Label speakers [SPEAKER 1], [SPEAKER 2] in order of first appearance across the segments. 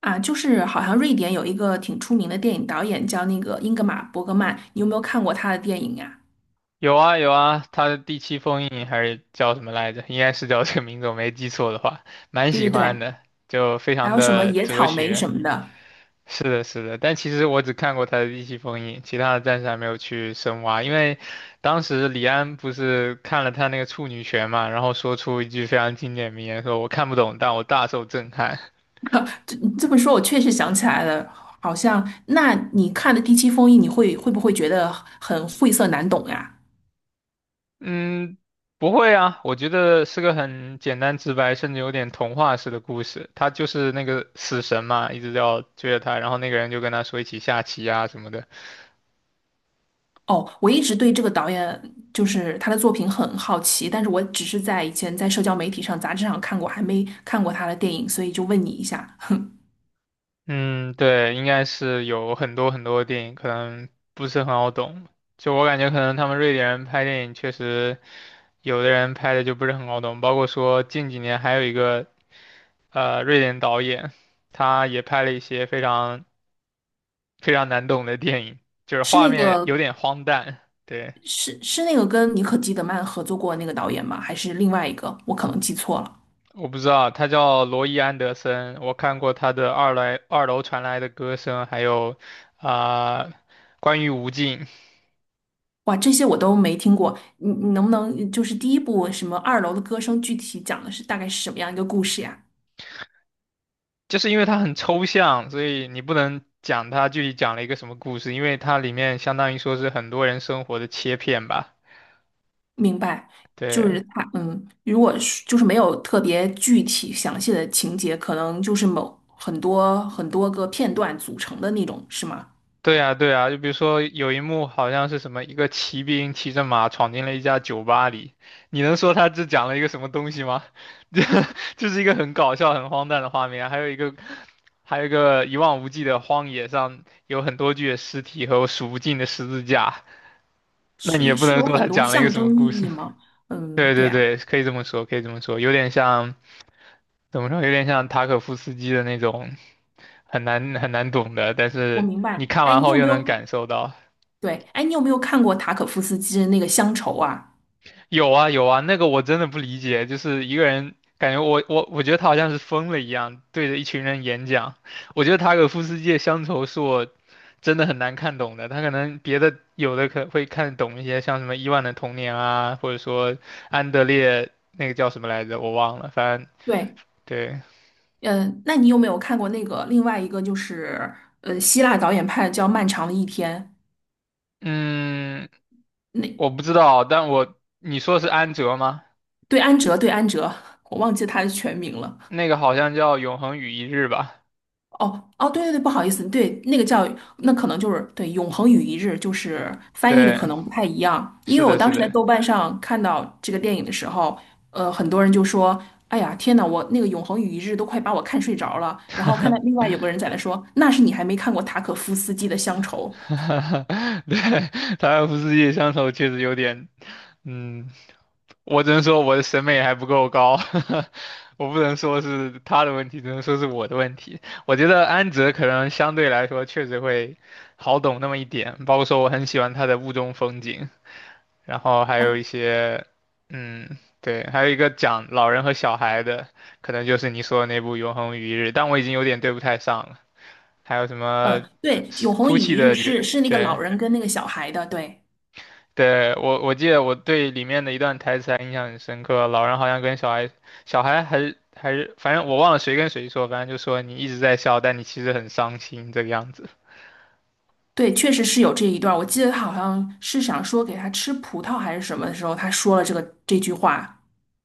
[SPEAKER 1] 啊，就是好像瑞典有一个挺出名的电影导演叫那个英格玛·伯格曼，你有没有看过他的电影呀？
[SPEAKER 2] 有啊有啊，他的第七封印还是叫什么来着？应该是叫这个名字，我没记错的话，蛮
[SPEAKER 1] 对
[SPEAKER 2] 喜
[SPEAKER 1] 对
[SPEAKER 2] 欢
[SPEAKER 1] 对。
[SPEAKER 2] 的，就非
[SPEAKER 1] 还
[SPEAKER 2] 常
[SPEAKER 1] 有什么
[SPEAKER 2] 的
[SPEAKER 1] 《野
[SPEAKER 2] 哲
[SPEAKER 1] 草莓》
[SPEAKER 2] 学。
[SPEAKER 1] 什么的。
[SPEAKER 2] 是的，是的，但其实我只看过他的第七封印，其他的暂时还没有去深挖，因为当时李安不是看了他那个处女泉嘛，然后说出一句非常经典名言，说我看不懂，但我大受震撼。
[SPEAKER 1] 这么说，我确实想起来了，好像那你看的《第七封印》，你会不会觉得很晦涩难懂呀？
[SPEAKER 2] 嗯，不会啊，我觉得是个很简单直白，甚至有点童话式的故事。他就是那个死神嘛，一直要追着他，然后那个人就跟他说一起下棋啊什么的。
[SPEAKER 1] 哦，我一直对这个导演就是他的作品很好奇，但是我只是在以前在社交媒体上、杂志上看过，还没看过他的电影，所以就问你一下。
[SPEAKER 2] 嗯，对，应该是有很多很多电影，可能不是很好懂。就我感觉，可能他们瑞典人拍电影确实，有的人拍的就不是很好懂。包括说近几年还有一个瑞典导演，他也拍了一些非常非常难懂的电影，就是
[SPEAKER 1] 是
[SPEAKER 2] 画
[SPEAKER 1] 那
[SPEAKER 2] 面有
[SPEAKER 1] 个
[SPEAKER 2] 点荒诞。对，
[SPEAKER 1] 是那个跟妮可基德曼合作过那个导演吗？还是另外一个？我可能记错了。
[SPEAKER 2] 我不知道，他叫罗伊·安德森，我看过他的《二来二楼传来的歌声》，还有啊、关于无尽，
[SPEAKER 1] 哇，这些我都没听过。你能不能就是第一部什么二楼的歌声，具体讲的是大概是什么样一个故事呀？
[SPEAKER 2] 就是因为它很抽象，所以你不能讲它具体讲了一个什么故事，因为它里面相当于说是很多人生活的切片吧。
[SPEAKER 1] 明白。就
[SPEAKER 2] 对，
[SPEAKER 1] 是他如果是就是没有特别具体详细的情节，可能就是某很多很多个片段组成的那种，是吗？
[SPEAKER 2] 对呀，对呀，就比如说有一幕好像是什么一个骑兵骑着马闯进了一家酒吧里，你能说他只讲了一个什么东西吗？这就是一个很搞笑、很荒诞的画面啊。还有一个，还有一个一望无际的荒野上有很多具的尸体和数不尽的十字架，那你也
[SPEAKER 1] 是
[SPEAKER 2] 不
[SPEAKER 1] 是
[SPEAKER 2] 能
[SPEAKER 1] 有
[SPEAKER 2] 说
[SPEAKER 1] 很
[SPEAKER 2] 他
[SPEAKER 1] 多
[SPEAKER 2] 讲了一个
[SPEAKER 1] 象
[SPEAKER 2] 什么
[SPEAKER 1] 征意
[SPEAKER 2] 故事。
[SPEAKER 1] 义 吗？嗯，
[SPEAKER 2] 对
[SPEAKER 1] 对
[SPEAKER 2] 对
[SPEAKER 1] 啊，
[SPEAKER 2] 对，可以这么说，可以这么说，有点像怎么说，有点像塔可夫斯基的那种很难很难懂的，但
[SPEAKER 1] 我
[SPEAKER 2] 是
[SPEAKER 1] 明
[SPEAKER 2] 你
[SPEAKER 1] 白。
[SPEAKER 2] 看
[SPEAKER 1] 哎，
[SPEAKER 2] 完
[SPEAKER 1] 你
[SPEAKER 2] 后
[SPEAKER 1] 有没
[SPEAKER 2] 又能
[SPEAKER 1] 有？
[SPEAKER 2] 感受到。
[SPEAKER 1] 对，哎，你有没有看过塔可夫斯基的那个《乡愁》啊？
[SPEAKER 2] 有啊有啊，那个我真的不理解，就是一个人感觉我觉得他好像是疯了一样，对着一群人演讲。我觉得塔可夫斯基的乡愁是我真的很难看懂的，他可能别的有的可会看得懂一些，像什么伊万的童年啊，或者说安德烈那个叫什么来着，我忘了，反正
[SPEAKER 1] 对。
[SPEAKER 2] 对，
[SPEAKER 1] 嗯，那你有没有看过那个另外一个就是希腊导演派的叫《漫长的一天》？
[SPEAKER 2] 嗯，我
[SPEAKER 1] 那
[SPEAKER 2] 不知道，但我你说的是安哲吗？
[SPEAKER 1] 对安哲，对安哲，我忘记他的全名了。
[SPEAKER 2] 那个好像叫《永恒与一日》吧？
[SPEAKER 1] 哦哦，对对对，不好意思，对，那个叫那可能就是对"永恒与一日"，就是翻译的可
[SPEAKER 2] 对，
[SPEAKER 1] 能不太一样。因
[SPEAKER 2] 是
[SPEAKER 1] 为我
[SPEAKER 2] 的，是
[SPEAKER 1] 当时在
[SPEAKER 2] 的。
[SPEAKER 1] 豆瓣上看到这个电影的时候，很多人就说："哎呀，天呐，我那个'永恒与一日'都快把我看睡着了。"然后看到另外有个人在那说："那是你还没看过塔可夫斯基的《乡愁》
[SPEAKER 2] 对，他又不是夜乡愁，确实有点，嗯，我只能说我的审美还不够高，我不能说是他的问题，只能说是我的问题。我觉得安哲可能相对来说确实会好懂那么一点，包括说我很喜欢他的雾中风景，然后还有
[SPEAKER 1] 啊？"
[SPEAKER 2] 一些，嗯，对，还有一个讲老人和小孩的，可能就是你说的那部《永恒与一日》，但我已经有点对不太上了。还有什
[SPEAKER 1] 嗯，
[SPEAKER 2] 么
[SPEAKER 1] 对，"永恒与
[SPEAKER 2] 哭泣
[SPEAKER 1] 一日
[SPEAKER 2] 的雨，
[SPEAKER 1] 是"是那个
[SPEAKER 2] 对。
[SPEAKER 1] 老人跟那个小孩的，对。
[SPEAKER 2] 对，我记得我对里面的一段台词还印象很深刻，老人好像跟小孩，小孩还是，反正我忘了谁跟谁说，反正就说你一直在笑，但你其实很伤心这个样子。
[SPEAKER 1] 对，确实是有这一段儿我记得他好像是想说给他吃葡萄还是什么的时候，他说了这句话。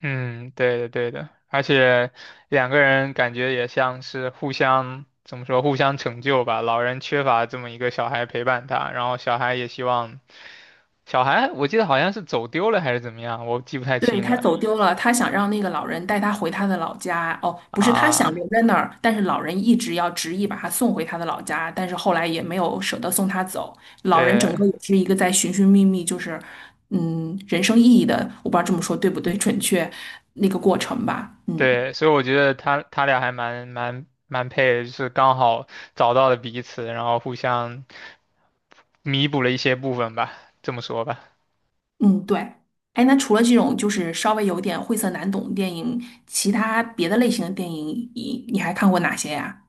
[SPEAKER 2] 嗯，对的对的，而且两个人感觉也像是互相，怎么说，互相成就吧。老人缺乏这么一个小孩陪伴他，然后小孩也希望，小孩我记得好像是走丢了还是怎么样，我记不太
[SPEAKER 1] 对，
[SPEAKER 2] 清
[SPEAKER 1] 他
[SPEAKER 2] 了
[SPEAKER 1] 走丢了，他想让那个老人带他回他的老家。哦，不是，他想
[SPEAKER 2] 啊。
[SPEAKER 1] 留在那儿，但是老人一直要执意把他送回他的老家，但是后来也没有舍得送他走。老人整
[SPEAKER 2] 对，
[SPEAKER 1] 个也是一个在寻寻觅觅，就是嗯，人生意义的，我不知道这么说对不对，准确那个过程吧。嗯
[SPEAKER 2] 对，所以我觉得他俩还蛮配的，就是刚好找到了彼此，然后互相弥补了一些部分吧，这么说吧。
[SPEAKER 1] 嗯，对。哎，那除了这种就是稍微有点晦涩难懂的电影，其他别的类型的电影，你还看过哪些呀？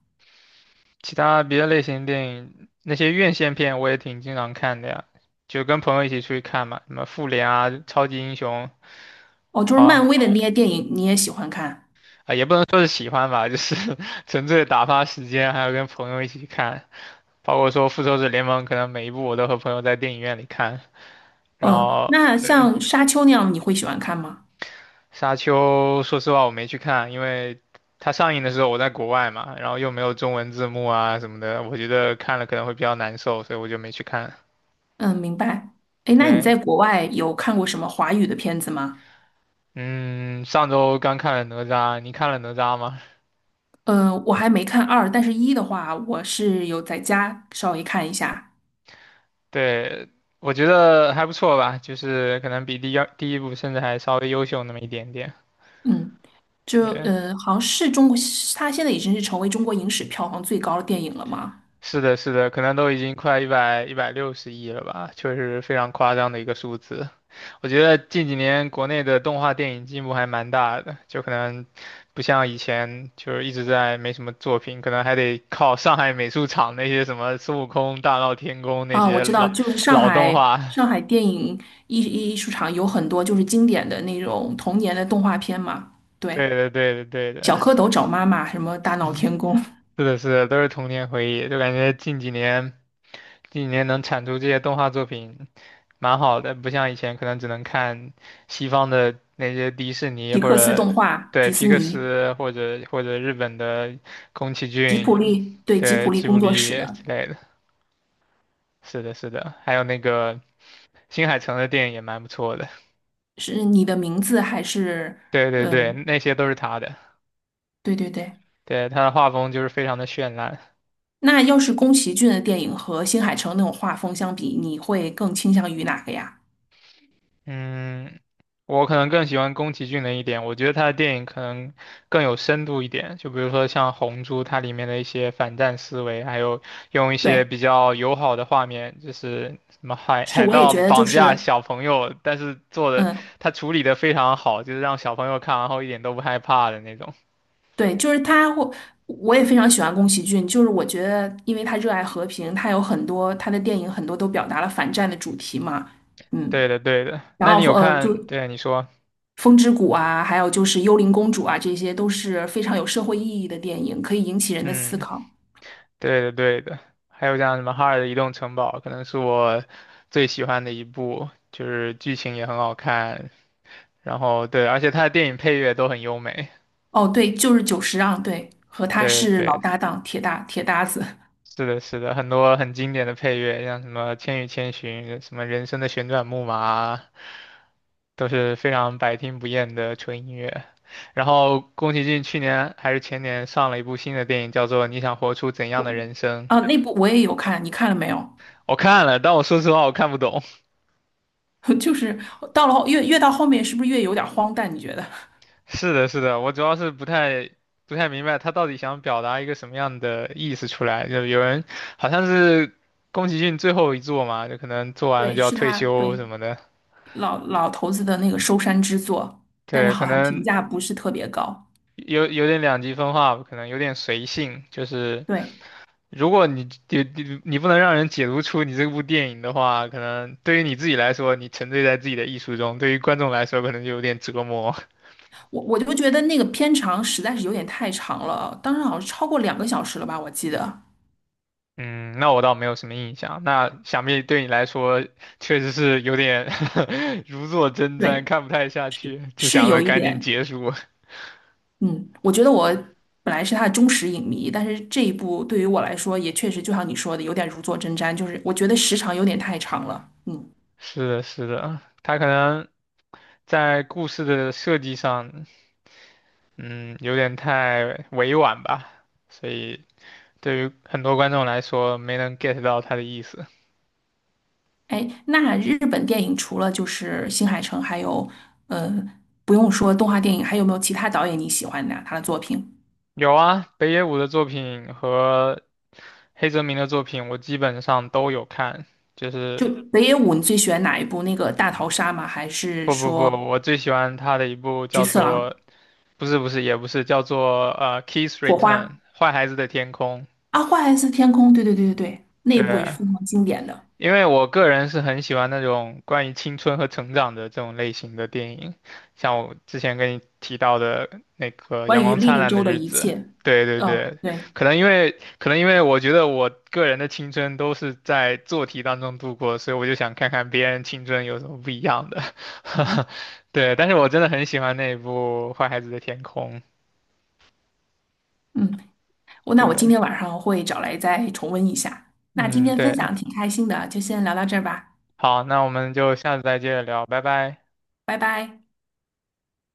[SPEAKER 2] 其他别的类型电影，那些院线片我也挺经常看的呀，就跟朋友一起出去看嘛，什么复联啊、超级英雄
[SPEAKER 1] 哦，就是漫
[SPEAKER 2] 啊
[SPEAKER 1] 威的那些电影，你也喜欢看。
[SPEAKER 2] 啊，也不能说是喜欢吧，就是 纯粹打发时间，还有跟朋友一起看。包括说复仇者联盟，可能每一部我都和朋友在电影院里看，然
[SPEAKER 1] 嗯，
[SPEAKER 2] 后。
[SPEAKER 1] 那
[SPEAKER 2] 对。
[SPEAKER 1] 像《沙丘》那样，你会喜欢看吗？
[SPEAKER 2] 沙丘，说实话我没去看，因为它上映的时候我在国外嘛，然后又没有中文字幕啊什么的，我觉得看了可能会比较难受，所以我就没去看。
[SPEAKER 1] 嗯，明白。哎，那你
[SPEAKER 2] 对，
[SPEAKER 1] 在国外有看过什么华语的片子吗？
[SPEAKER 2] 嗯，上周刚看了哪吒，你看了哪吒吗？
[SPEAKER 1] 嗯，我还没看二，但是一的话，我是有在家稍微看一下。
[SPEAKER 2] 对，我觉得还不错吧，就是可能比第一部甚至还稍微优秀那么一点点。
[SPEAKER 1] 嗯，就
[SPEAKER 2] 对，
[SPEAKER 1] 好像是中国，它现在已经是成为中国影史票房最高的电影了嘛？
[SPEAKER 2] 是的，是的，可能都已经快一百六十亿了吧，确实非常夸张的一个数字。我觉得近几年国内的动画电影进步还蛮大的，就可能不像以前就是一直在没什么作品，可能还得靠上海美术厂那些什么孙悟空、大闹天宫那
[SPEAKER 1] 啊，我
[SPEAKER 2] 些
[SPEAKER 1] 知道，
[SPEAKER 2] 老
[SPEAKER 1] 就是上
[SPEAKER 2] 老动
[SPEAKER 1] 海
[SPEAKER 2] 画。
[SPEAKER 1] 上海电影艺术场有很多就是经典的那种童年的动画片嘛。对，
[SPEAKER 2] 对的，对的，对的，
[SPEAKER 1] 《小蝌蚪找妈妈》什么《大闹天宫》
[SPEAKER 2] 是的，是的，都是童年回忆，就感觉近几年近几年能产出这些动画作品，蛮好的，不像以前可能只能看西方的那些迪士尼
[SPEAKER 1] 皮
[SPEAKER 2] 或
[SPEAKER 1] 克斯
[SPEAKER 2] 者
[SPEAKER 1] 动画、
[SPEAKER 2] 对
[SPEAKER 1] 迪
[SPEAKER 2] 皮
[SPEAKER 1] 士
[SPEAKER 2] 克
[SPEAKER 1] 尼、
[SPEAKER 2] 斯或者日本的宫崎
[SPEAKER 1] 吉普
[SPEAKER 2] 骏，
[SPEAKER 1] 力，对，吉普
[SPEAKER 2] 对
[SPEAKER 1] 力
[SPEAKER 2] 吉卜
[SPEAKER 1] 工作室
[SPEAKER 2] 力之
[SPEAKER 1] 的，
[SPEAKER 2] 类的。是的，是的，还有那个新海诚的电影也蛮不错的。
[SPEAKER 1] 是你的名字还是？
[SPEAKER 2] 对对
[SPEAKER 1] 呃，
[SPEAKER 2] 对，那些都是他的，
[SPEAKER 1] 对对对。
[SPEAKER 2] 对，他的画风就是非常的绚烂。
[SPEAKER 1] 那要是宫崎骏的电影和新海诚那种画风相比，你会更倾向于哪个呀？
[SPEAKER 2] 嗯，我可能更喜欢宫崎骏的一点，我觉得他的电影可能更有深度一点。就比如说像《红猪》，它里面的一些反战思维，还有用一些
[SPEAKER 1] 对，
[SPEAKER 2] 比较友好的画面，就是什么
[SPEAKER 1] 是，
[SPEAKER 2] 海
[SPEAKER 1] 我也
[SPEAKER 2] 盗
[SPEAKER 1] 觉得就
[SPEAKER 2] 绑架
[SPEAKER 1] 是，
[SPEAKER 2] 小朋友，但是
[SPEAKER 1] 嗯，
[SPEAKER 2] 他处理的非常好，就是让小朋友看完后一点都不害怕的那种。
[SPEAKER 1] 对，就是他会，我也非常喜欢宫崎骏，就是我觉得，因为他热爱和平，他有很多他的电影很多都表达了反战的主题嘛。嗯，
[SPEAKER 2] 对的，对的。
[SPEAKER 1] 然
[SPEAKER 2] 那你
[SPEAKER 1] 后
[SPEAKER 2] 有
[SPEAKER 1] 就
[SPEAKER 2] 看？对，你说，
[SPEAKER 1] 风之谷啊，还有就是《幽灵公主》啊，这些都是非常有社会意义的电影，可以引起人的思
[SPEAKER 2] 嗯。
[SPEAKER 1] 考。
[SPEAKER 2] 对的，对的，还有像什么《哈尔的移动城堡》，可能是我最喜欢的一部，就是剧情也很好看，然后对，而且它的电影配乐都很优美。
[SPEAKER 1] 哦，对，就是久石让，对，和他
[SPEAKER 2] 对
[SPEAKER 1] 是老
[SPEAKER 2] 对，
[SPEAKER 1] 搭档，铁搭子
[SPEAKER 2] 是的，是的，很多很经典的配乐，像什么《千与千寻》、什么《人生的旋转木马》啊都是非常百听不厌的纯音乐。然后宫崎骏去年还是前年上了一部新的电影，叫做《你想活出怎样的人生》，
[SPEAKER 1] 啊。那部我也有看，你看了没有？
[SPEAKER 2] 我看了，但我说实话我看不懂。
[SPEAKER 1] 就是到了后越到后面，是不是越有点荒诞？你觉得？
[SPEAKER 2] 是的，是的，我主要是不太明白他到底想表达一个什么样的意思出来。就有人好像是宫崎骏最后一作嘛，就可能做 完了
[SPEAKER 1] 对，
[SPEAKER 2] 就要
[SPEAKER 1] 是
[SPEAKER 2] 退
[SPEAKER 1] 他，
[SPEAKER 2] 休
[SPEAKER 1] 对，
[SPEAKER 2] 什么的。
[SPEAKER 1] 老头子的那个收山之作，但是
[SPEAKER 2] 对，
[SPEAKER 1] 好
[SPEAKER 2] 可
[SPEAKER 1] 像评
[SPEAKER 2] 能
[SPEAKER 1] 价不是特别高。
[SPEAKER 2] 有点两极分化，可能有点随性。就是
[SPEAKER 1] 对，
[SPEAKER 2] 如果你不能让人解读出你这部电影的话，可能对于你自己来说，你沉醉在自己的艺术中；对于观众来说，可能就有点折磨。
[SPEAKER 1] 我就觉得那个片长实在是有点太长了，当时好像超过两个小时了吧，我记得。
[SPEAKER 2] 嗯，那我倒没有什么印象。那想必对你来说，确实是有点 如坐针毡，
[SPEAKER 1] 对，
[SPEAKER 2] 看不太下去，就
[SPEAKER 1] 是
[SPEAKER 2] 想着
[SPEAKER 1] 有一
[SPEAKER 2] 赶紧
[SPEAKER 1] 点，
[SPEAKER 2] 结束。
[SPEAKER 1] 嗯，我觉得我本来是他的忠实影迷，但是这一部对于我来说也确实就像你说的，有点如坐针毡，就是我觉得时长有点太长了。嗯，
[SPEAKER 2] 是的，是的，他可能在故事的设计上，嗯，有点太委婉吧，所以对于很多观众来说，没能 get 到他的意思。
[SPEAKER 1] 哎，那日本电影除了就是新海诚，还有呃，不用说动画电影，还有没有其他导演你喜欢的啊他的作品？
[SPEAKER 2] 有啊，北野武的作品和黑泽明的作品，我基本上都有看，就
[SPEAKER 1] 就
[SPEAKER 2] 是。
[SPEAKER 1] 北野武，你最喜欢哪一部？那个大逃杀吗？还是
[SPEAKER 2] 不不不，
[SPEAKER 1] 说
[SPEAKER 2] 我最喜欢他的一部
[SPEAKER 1] 菊
[SPEAKER 2] 叫
[SPEAKER 1] 次郎、
[SPEAKER 2] 做不是不是，也不是，叫做《Kiss
[SPEAKER 1] 火
[SPEAKER 2] Return》
[SPEAKER 1] 花
[SPEAKER 2] 坏孩子的天空。
[SPEAKER 1] 啊？花还是天空？对对对对对，那
[SPEAKER 2] 对，
[SPEAKER 1] 一部也是非常经典的。
[SPEAKER 2] 因为我个人是很喜欢那种关于青春和成长的这种类型的电影，像我之前跟你提到的那个《阳
[SPEAKER 1] 关于
[SPEAKER 2] 光
[SPEAKER 1] 莉
[SPEAKER 2] 灿
[SPEAKER 1] 莉
[SPEAKER 2] 烂的
[SPEAKER 1] 周的
[SPEAKER 2] 日
[SPEAKER 1] 一
[SPEAKER 2] 子》。
[SPEAKER 1] 切。
[SPEAKER 2] 对对
[SPEAKER 1] 哦，
[SPEAKER 2] 对，
[SPEAKER 1] 对，
[SPEAKER 2] 可能因为我觉得我个人的青春都是在做题当中度过，所以我就想看看别人青春有什么不一样的。对，但是我真的很喜欢那一部《坏孩子的天空》。
[SPEAKER 1] 嗯，那我今
[SPEAKER 2] 对，
[SPEAKER 1] 天晚上会找来再重温一下。那今
[SPEAKER 2] 嗯，
[SPEAKER 1] 天分
[SPEAKER 2] 对。
[SPEAKER 1] 享挺开心的，就先聊到这儿吧，
[SPEAKER 2] 好，那我们就下次再接着聊，拜拜。
[SPEAKER 1] 拜拜。